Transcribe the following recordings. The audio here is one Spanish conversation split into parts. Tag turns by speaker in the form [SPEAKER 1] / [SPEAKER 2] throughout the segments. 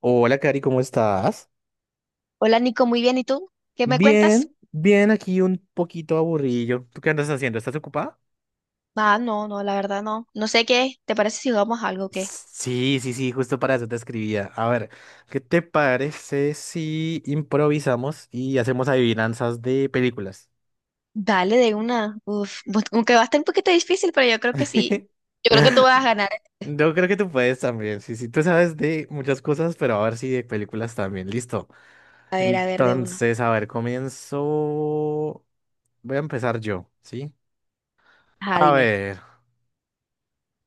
[SPEAKER 1] Hola, Cari, ¿cómo estás?
[SPEAKER 2] Hola Nico, muy bien. ¿Y tú? ¿Qué me cuentas?
[SPEAKER 1] Bien, bien, aquí un poquito aburrido. ¿Tú qué andas haciendo? ¿Estás ocupada?
[SPEAKER 2] Ah, no, no, la verdad no. No sé qué. ¿Te parece si jugamos algo o qué?
[SPEAKER 1] Sí, sí, sí, justo para eso te escribía. A ver, ¿qué te parece si improvisamos y hacemos adivinanzas de películas?
[SPEAKER 2] Dale de una. Uf, aunque va a estar un poquito difícil, pero yo creo que sí. Yo creo que tú vas a ganar.
[SPEAKER 1] Yo creo que tú puedes también. Sí, sí, tú sabes de muchas cosas, pero a ver si de películas también. Listo.
[SPEAKER 2] A ver, de una.
[SPEAKER 1] Entonces, a ver, comienzo. Voy a empezar yo, ¿sí?
[SPEAKER 2] Ajá,
[SPEAKER 1] A
[SPEAKER 2] dime.
[SPEAKER 1] ver.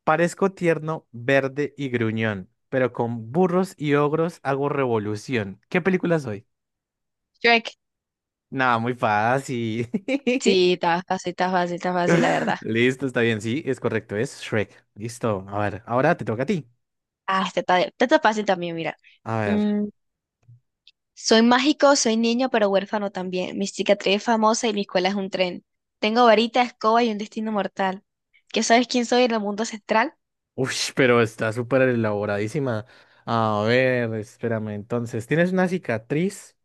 [SPEAKER 1] Parezco tierno, verde y gruñón, pero con burros y ogros hago revolución. ¿Qué película soy?
[SPEAKER 2] Shrek.
[SPEAKER 1] Nada, muy fácil.
[SPEAKER 2] Sí, está fácil, está fácil, está fácil, la verdad.
[SPEAKER 1] Listo, está bien, sí, es correcto, es Shrek. Listo, a ver, ahora te toca a ti.
[SPEAKER 2] Ah, este está fácil también, mira.
[SPEAKER 1] A ver.
[SPEAKER 2] Mm, Soy mágico, soy niño, pero huérfano también. Mi cicatriz es famosa y mi escuela es un tren. Tengo varita, escoba y un destino mortal. ¿Qué sabes quién soy en el mundo central?
[SPEAKER 1] Uff, pero está súper elaboradísima. A ver, espérame, entonces, tienes una cicatriz,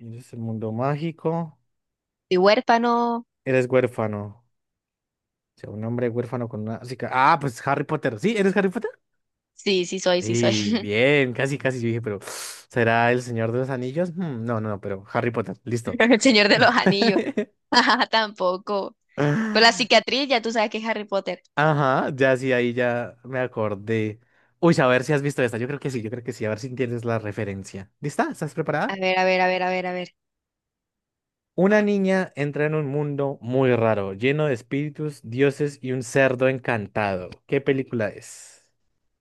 [SPEAKER 1] eres el mundo mágico,
[SPEAKER 2] Soy huérfano.
[SPEAKER 1] eres huérfano. O sea, un hombre huérfano con una cicatriz. Ah, pues Harry Potter. ¿Sí? ¿Eres Harry Potter?
[SPEAKER 2] Sí, sí soy, sí soy.
[SPEAKER 1] Y bien, casi, casi yo dije, pero ¿será el Señor de los Anillos? Hmm, no, no, no, pero Harry Potter, listo.
[SPEAKER 2] El Señor de los Anillos. Ajá, tampoco. Pero la cicatriz, ya tú sabes que es Harry Potter.
[SPEAKER 1] Ajá, ya sí, ahí ya me acordé. Uy, a ver si has visto esta. Yo creo que sí, yo creo que sí. A ver si entiendes la referencia. ¿Lista? ¿Estás
[SPEAKER 2] A
[SPEAKER 1] preparada?
[SPEAKER 2] ver, a ver, a ver, a ver, a ver.
[SPEAKER 1] Una niña entra en un mundo muy raro, lleno de espíritus, dioses y un cerdo encantado. ¿Qué película es?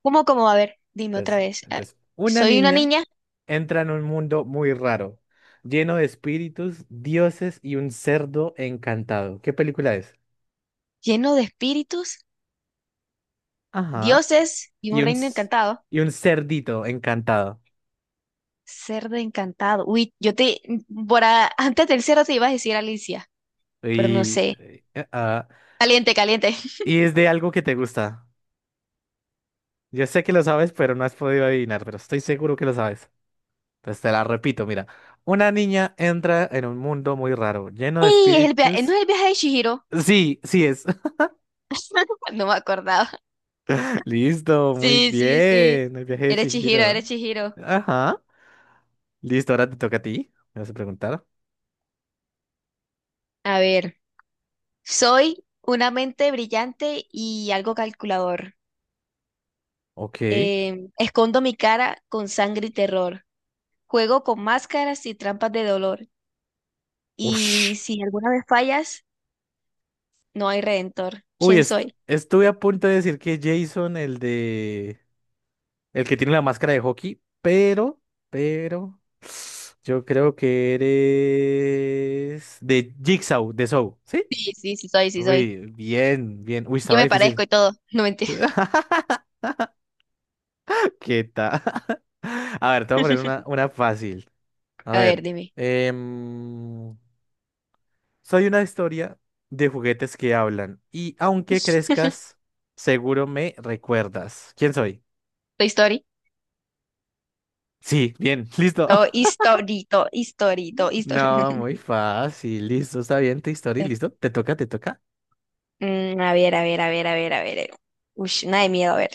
[SPEAKER 2] ¿Cómo, cómo? A ver, dime otra
[SPEAKER 1] Entonces,
[SPEAKER 2] vez.
[SPEAKER 1] entonces, una
[SPEAKER 2] Soy una
[SPEAKER 1] niña
[SPEAKER 2] niña,
[SPEAKER 1] entra en un mundo muy raro, lleno de espíritus, dioses y un cerdo encantado. ¿Qué película es?
[SPEAKER 2] lleno de espíritus,
[SPEAKER 1] Ajá.
[SPEAKER 2] dioses y un
[SPEAKER 1] Y un,
[SPEAKER 2] reino
[SPEAKER 1] c-
[SPEAKER 2] encantado.
[SPEAKER 1] y un cerdito encantado.
[SPEAKER 2] Cerdo encantado. Uy, yo te... Antes del cero te iba a decir Alicia, pero no
[SPEAKER 1] Y,
[SPEAKER 2] sé.
[SPEAKER 1] eh, eh, ah,
[SPEAKER 2] Caliente, caliente.
[SPEAKER 1] y es de algo que te gusta. Yo sé que lo sabes, pero no has podido adivinar, pero estoy seguro que lo sabes. Entonces te la repito, mira. Una niña entra en un mundo muy raro, lleno de
[SPEAKER 2] ¡Ey! ¿No
[SPEAKER 1] espíritus.
[SPEAKER 2] es el viaje de Chihiro?
[SPEAKER 1] Sí, sí es.
[SPEAKER 2] No me acordaba.
[SPEAKER 1] Listo, muy
[SPEAKER 2] Sí, sí, sí.
[SPEAKER 1] bien. El viaje de
[SPEAKER 2] Eres Chihiro,
[SPEAKER 1] Chihiro.
[SPEAKER 2] eres Chihiro.
[SPEAKER 1] Ajá. Listo, ahora te toca a ti. ¿Me vas a preguntar?
[SPEAKER 2] A ver. Soy una mente brillante y algo calculador.
[SPEAKER 1] Ok.
[SPEAKER 2] Escondo mi cara con sangre y terror. Juego con máscaras y trampas de dolor. Y
[SPEAKER 1] Ush.
[SPEAKER 2] si alguna vez fallas, no hay redentor.
[SPEAKER 1] Uy,
[SPEAKER 2] ¿Quién
[SPEAKER 1] est-
[SPEAKER 2] soy?
[SPEAKER 1] estuve a punto de decir que Jason, el que tiene la máscara de hockey, Pero... Yo creo que eres de Jigsaw, de Saw, ¿sí?
[SPEAKER 2] Sí, sí, sí soy, sí soy.
[SPEAKER 1] Uy, bien, bien. Uy,
[SPEAKER 2] Yo
[SPEAKER 1] estaba
[SPEAKER 2] me
[SPEAKER 1] difícil.
[SPEAKER 2] parezco y todo. No mentira.
[SPEAKER 1] ¿Qué tal? A ver, te voy a poner una, una fácil. A
[SPEAKER 2] A ver,
[SPEAKER 1] ver.
[SPEAKER 2] dime.
[SPEAKER 1] em, Soy una historia de juguetes que hablan y aunque crezcas, seguro me recuerdas. ¿Quién soy?
[SPEAKER 2] Toy Story.
[SPEAKER 1] Sí, bien, listo.
[SPEAKER 2] Todo historito, historito,
[SPEAKER 1] No,
[SPEAKER 2] historito.
[SPEAKER 1] muy fácil, listo, está bien tu historia, listo. ¿Te toca?
[SPEAKER 2] A ver, a ver, a ver, a ver, a ver. Uy, nada de miedo, a ver.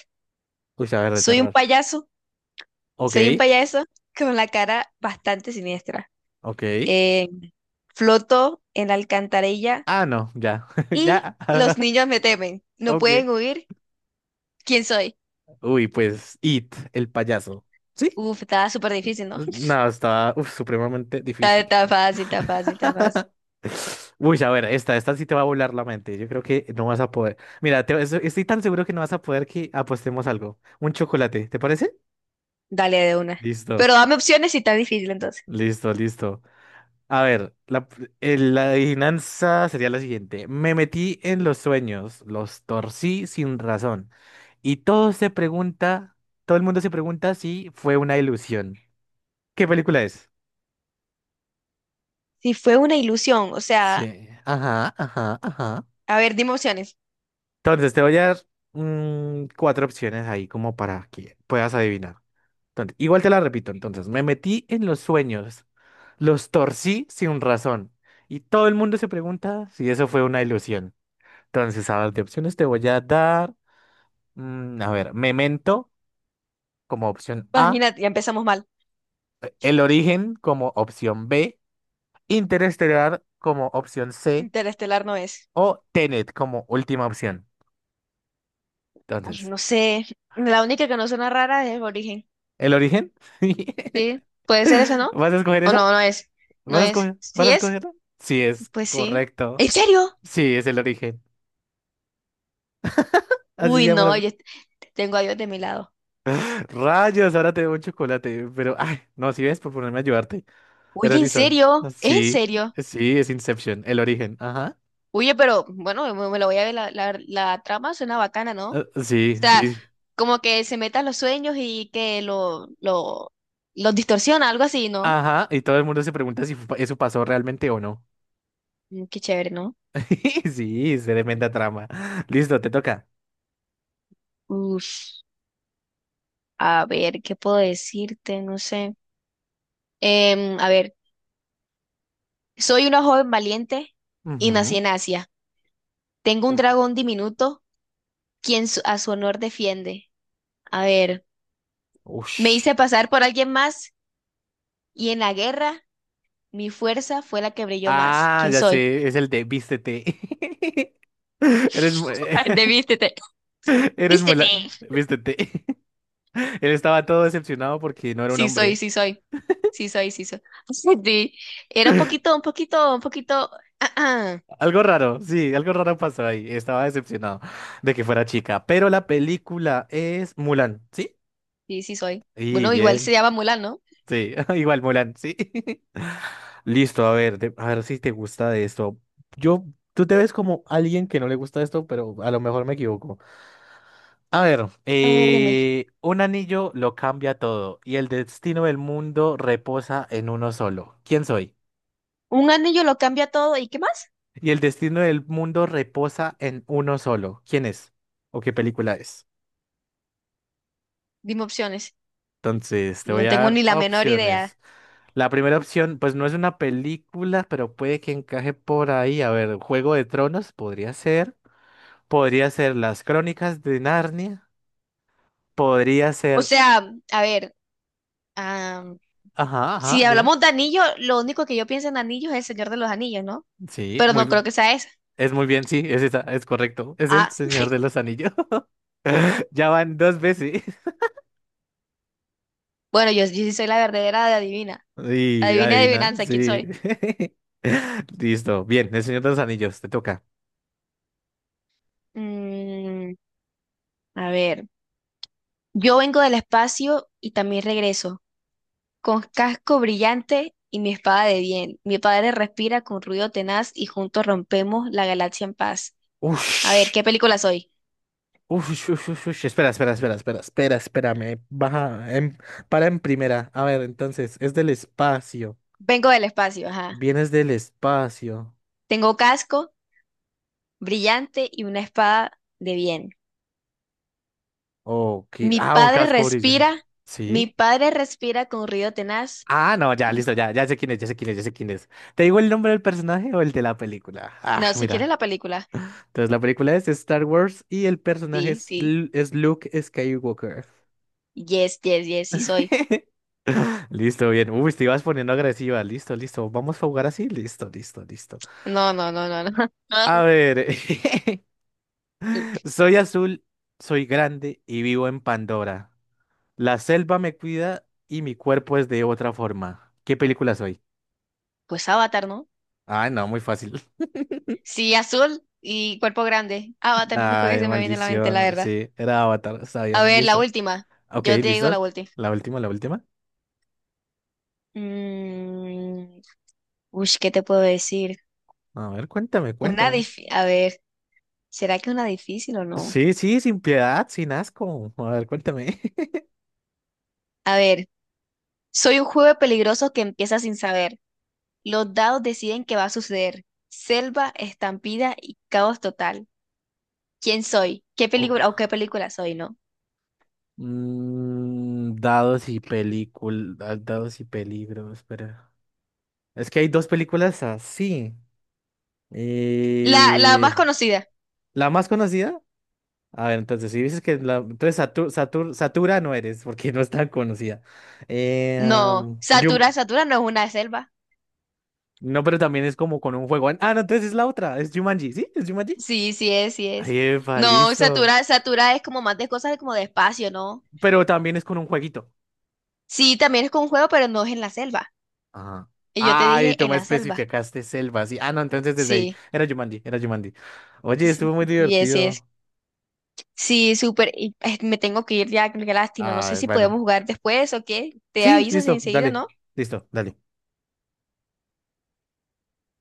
[SPEAKER 1] Uy, a ver, de
[SPEAKER 2] Soy un
[SPEAKER 1] terror.
[SPEAKER 2] payaso.
[SPEAKER 1] Ok,
[SPEAKER 2] Soy un payaso con la cara bastante siniestra.
[SPEAKER 1] ok.
[SPEAKER 2] Eh, Floto en la alcantarilla
[SPEAKER 1] Ah, no, ya,
[SPEAKER 2] y
[SPEAKER 1] ya.
[SPEAKER 2] los niños me temen. No pueden
[SPEAKER 1] Ok.
[SPEAKER 2] huir. ¿Quién soy?
[SPEAKER 1] Uy, pues It, el payaso. Sí.
[SPEAKER 2] Uf, está súper difícil, ¿no?
[SPEAKER 1] No, estaba uf, supremamente
[SPEAKER 2] Está,
[SPEAKER 1] difícil.
[SPEAKER 2] está fácil, está fácil, está fácil.
[SPEAKER 1] Uy, a ver, esta sí te va a volar la mente. Yo creo que no vas a poder. Mira, estoy tan seguro que no vas a poder que apostemos algo. Un chocolate, ¿te parece?
[SPEAKER 2] Dale de una.
[SPEAKER 1] Listo,
[SPEAKER 2] Pero dame opciones si está difícil entonces.
[SPEAKER 1] listo, listo. A ver, la adivinanza sería la siguiente. Me metí en los sueños, los torcí sin razón. Y todo el mundo se pregunta si fue una ilusión. ¿Qué película es?
[SPEAKER 2] Si fue una ilusión, o sea,
[SPEAKER 1] Sí. Ajá, ajá, ajá.
[SPEAKER 2] a ver, dime opciones.
[SPEAKER 1] Entonces, te voy a dar cuatro opciones ahí como para que puedas adivinar. Entonces, igual te la repito. Entonces, me metí en los sueños, los torcí sin razón y todo el mundo se pregunta si eso fue una ilusión. Entonces, a ver, de opciones te voy a dar, a ver, Memento como opción
[SPEAKER 2] Pues
[SPEAKER 1] A,
[SPEAKER 2] mira, ya empezamos mal.
[SPEAKER 1] El Origen como opción B, Interestelar como opción C
[SPEAKER 2] Interestelar no es.
[SPEAKER 1] o Tenet como última opción.
[SPEAKER 2] Ay,
[SPEAKER 1] Entonces,
[SPEAKER 2] no sé. La única que no suena rara es Origen.
[SPEAKER 1] ¿El Origen?
[SPEAKER 2] Sí, puede ser esa, ¿no?
[SPEAKER 1] ¿Vas a escoger
[SPEAKER 2] O
[SPEAKER 1] esa?
[SPEAKER 2] no, no es. No
[SPEAKER 1] ¿Vas a
[SPEAKER 2] es.
[SPEAKER 1] escoger? ¿Vas
[SPEAKER 2] ¿Sí
[SPEAKER 1] a
[SPEAKER 2] es?
[SPEAKER 1] escogerlo? Sí, es
[SPEAKER 2] Pues sí.
[SPEAKER 1] correcto.
[SPEAKER 2] ¿En serio?
[SPEAKER 1] Sí, es el origen. Así se
[SPEAKER 2] Uy,
[SPEAKER 1] llama
[SPEAKER 2] no,
[SPEAKER 1] la...
[SPEAKER 2] yo tengo a Dios de mi lado.
[SPEAKER 1] Rayos, ahora te debo un chocolate. Pero, ay, no, si ves por ponerme a ayudarte. Pero
[SPEAKER 2] Oye, ¿en
[SPEAKER 1] listo. No
[SPEAKER 2] serio? ¿Es en
[SPEAKER 1] Sí,
[SPEAKER 2] serio?
[SPEAKER 1] sí, es Inception, el origen. Ajá.
[SPEAKER 2] Oye, pero bueno, me lo voy a ver, la trama suena bacana, ¿no? O
[SPEAKER 1] Sí,
[SPEAKER 2] sea,
[SPEAKER 1] sí.
[SPEAKER 2] como que se metan los sueños y que lo, los distorsiona, algo así, ¿no?
[SPEAKER 1] Ajá. Y todo el mundo se pregunta si eso pasó realmente o no.
[SPEAKER 2] Mm, qué chévere, ¿no?
[SPEAKER 1] Sí, es tremenda trama. Listo, te toca.
[SPEAKER 2] Uf, a ver, ¿qué puedo decirte? No sé. A ver, soy una joven valiente y nací
[SPEAKER 1] Ujú.
[SPEAKER 2] en Asia. Tengo un
[SPEAKER 1] Uf,
[SPEAKER 2] dragón diminuto, a su honor defiende. A ver. Me
[SPEAKER 1] ush.
[SPEAKER 2] hice pasar por alguien más y en la guerra mi fuerza fue la que brilló más.
[SPEAKER 1] Ah,
[SPEAKER 2] ¿Quién
[SPEAKER 1] ya
[SPEAKER 2] soy?
[SPEAKER 1] sé, es el de vístete. Eres muy...
[SPEAKER 2] El de vístete.
[SPEAKER 1] Eres muy... la-
[SPEAKER 2] ¡Vístete!
[SPEAKER 1] Vístete. Él estaba todo decepcionado porque no era un
[SPEAKER 2] Sí soy,
[SPEAKER 1] hombre.
[SPEAKER 2] sí soy. Sí soy, sí soy. Sí. Era un poquito, un poquito, un poquito. ah, ah.
[SPEAKER 1] Algo raro, sí, algo raro pasó ahí. Estaba decepcionado de que fuera chica. Pero la película es Mulan, ¿sí?
[SPEAKER 2] Sí, sí soy.
[SPEAKER 1] Y
[SPEAKER 2] Bueno, igual se
[SPEAKER 1] bien,
[SPEAKER 2] llama Mulan, ¿no?
[SPEAKER 1] sí. Igual Mulan, sí. Listo, a ver, a ver si te gusta de esto. Yo, tú te ves como alguien que no le gusta esto, pero a lo mejor me equivoco. A ver,
[SPEAKER 2] A ver, dime.
[SPEAKER 1] un anillo lo cambia todo y el destino del mundo reposa en uno solo. ¿Quién soy?
[SPEAKER 2] Un anillo lo cambia todo. ¿Y qué más?
[SPEAKER 1] Y el destino del mundo reposa en uno solo. ¿Quién es? ¿O qué película es?
[SPEAKER 2] Dime opciones.
[SPEAKER 1] Entonces, te voy
[SPEAKER 2] No
[SPEAKER 1] a
[SPEAKER 2] tengo
[SPEAKER 1] dar
[SPEAKER 2] ni la menor idea.
[SPEAKER 1] opciones. La primera opción, pues no es una película, pero puede que encaje por ahí. A ver, Juego de Tronos podría ser. Podría ser Las Crónicas de Narnia. Podría
[SPEAKER 2] O
[SPEAKER 1] ser.
[SPEAKER 2] sea, a ver, am,
[SPEAKER 1] Ajá, ajá,
[SPEAKER 2] si
[SPEAKER 1] dime.
[SPEAKER 2] hablamos de anillo, lo único que yo pienso en anillos es el Señor de los Anillos, ¿no?
[SPEAKER 1] Sí,
[SPEAKER 2] Pero
[SPEAKER 1] muy
[SPEAKER 2] no creo
[SPEAKER 1] bien.
[SPEAKER 2] que sea esa.
[SPEAKER 1] Es muy bien, sí, es esa, es correcto. Es el
[SPEAKER 2] Ah,
[SPEAKER 1] Señor de los Anillos. Ya van dos veces.
[SPEAKER 2] Bueno, yo sí soy la verdadera de adivina.
[SPEAKER 1] Sí,
[SPEAKER 2] Adivina,
[SPEAKER 1] adivina,
[SPEAKER 2] adivinanza, ¿quién
[SPEAKER 1] sí.
[SPEAKER 2] soy?
[SPEAKER 1] Listo. Bien, el Señor de los Anillos, te toca.
[SPEAKER 2] Mm, a ver, yo vengo del espacio y también regreso, con casco brillante y mi espada de bien. Mi padre respira con ruido tenaz y juntos rompemos la galaxia en paz. A ver,
[SPEAKER 1] Ush,
[SPEAKER 2] ¿qué película soy?
[SPEAKER 1] ush, ush, ush, ush. Espera, espera, espera, espera, espera, espérame. Baja, para en primera. A ver, entonces, es del espacio.
[SPEAKER 2] Vengo del espacio, ajá.
[SPEAKER 1] Vienes del espacio.
[SPEAKER 2] Tengo casco brillante y una espada de bien.
[SPEAKER 1] Oh,
[SPEAKER 2] Mi
[SPEAKER 1] un
[SPEAKER 2] padre
[SPEAKER 1] casco
[SPEAKER 2] respira,
[SPEAKER 1] brilla.
[SPEAKER 2] mi
[SPEAKER 1] ¿Sí?
[SPEAKER 2] padre respira con ruido tenaz
[SPEAKER 1] Ah, no, ya,
[SPEAKER 2] y...
[SPEAKER 1] listo, ya, ya sé quién es, ya sé quién es, ya sé quién es. ¿Te digo el nombre del personaje o el de la película? Ah,
[SPEAKER 2] No, si quieres
[SPEAKER 1] mira.
[SPEAKER 2] la película.
[SPEAKER 1] Entonces, la película es Star Wars y el personaje
[SPEAKER 2] Sí,
[SPEAKER 1] es,
[SPEAKER 2] sí.
[SPEAKER 1] Lu- es Luke Skywalker.
[SPEAKER 2] Yes, yes, yes, sí soy.
[SPEAKER 1] Listo, bien. Uy, te ibas poniendo agresiva. Listo, listo. Vamos a jugar así. Listo, listo, listo.
[SPEAKER 2] No, no, no, no, no. Ah,
[SPEAKER 1] A ver. Soy azul, soy grande y vivo en Pandora. La selva me cuida y mi cuerpo es de otra forma. ¿Qué película soy?
[SPEAKER 2] pues Avatar, ¿no?
[SPEAKER 1] Ay, no, muy fácil.
[SPEAKER 2] Sí, azul y cuerpo grande. Avatar, lo único que
[SPEAKER 1] Ay,
[SPEAKER 2] se me viene a la mente, la
[SPEAKER 1] maldición.
[SPEAKER 2] verdad.
[SPEAKER 1] Sí, era Avatar. Está
[SPEAKER 2] A
[SPEAKER 1] bien,
[SPEAKER 2] ver, la
[SPEAKER 1] listo.
[SPEAKER 2] última.
[SPEAKER 1] Ok,
[SPEAKER 2] Yo te digo
[SPEAKER 1] listo.
[SPEAKER 2] la última.
[SPEAKER 1] La última, la última.
[SPEAKER 2] Mm, uy, ¿qué te puedo decir?
[SPEAKER 1] A ver, cuéntame,
[SPEAKER 2] Una
[SPEAKER 1] cuéntame.
[SPEAKER 2] difícil. A ver, ¿será que una difícil o no?
[SPEAKER 1] Sí, sí, sin piedad, sin asco. A ver, cuéntame.
[SPEAKER 2] A ver, soy un juego peligroso que empieza sin saber. Los dados deciden qué va a suceder. Selva, estampida y caos total. ¿Quién soy? ¿Qué película o qué película soy, no?
[SPEAKER 1] Dados y películas, dados y peligros, espera. Es que hay dos películas así.
[SPEAKER 2] La más
[SPEAKER 1] Eh,
[SPEAKER 2] conocida.
[SPEAKER 1] la más conocida. A ver, entonces, si dices que la. Entonces, Satura no eres, porque no es tan conocida. Eh,
[SPEAKER 2] No,
[SPEAKER 1] um, Jum-
[SPEAKER 2] Satura, Satura no es una selva.
[SPEAKER 1] No, pero también es como con un juego. Ah, no, entonces es la otra. Es Jumanji, ¿sí? ¿Es Jumanji?
[SPEAKER 2] Sí, sí es, sí
[SPEAKER 1] Ahí,
[SPEAKER 2] es.
[SPEAKER 1] epa,
[SPEAKER 2] No,
[SPEAKER 1] listo.
[SPEAKER 2] Satura, Satura es como más de cosas como de espacio, ¿no?
[SPEAKER 1] Pero también es con un jueguito.
[SPEAKER 2] Sí, también es con un juego, pero no es en la selva.
[SPEAKER 1] Ajá.
[SPEAKER 2] Y yo te
[SPEAKER 1] Ay,
[SPEAKER 2] dije
[SPEAKER 1] tú
[SPEAKER 2] en
[SPEAKER 1] me
[SPEAKER 2] la selva.
[SPEAKER 1] especificaste selva, sí. Ah, no, entonces desde ahí.
[SPEAKER 2] Sí,
[SPEAKER 1] Era Jumanji, era Jumanji. Oye,
[SPEAKER 2] s-
[SPEAKER 1] estuvo muy
[SPEAKER 2] sí es, sí es.
[SPEAKER 1] divertido.
[SPEAKER 2] Sí, súper. Me tengo que ir ya, qué lástima. No sé
[SPEAKER 1] Ah,
[SPEAKER 2] si
[SPEAKER 1] bueno.
[SPEAKER 2] podemos jugar después o qué. Te
[SPEAKER 1] Sí,
[SPEAKER 2] avisas
[SPEAKER 1] listo,
[SPEAKER 2] enseguida,
[SPEAKER 1] dale.
[SPEAKER 2] ¿no?
[SPEAKER 1] Listo, dale.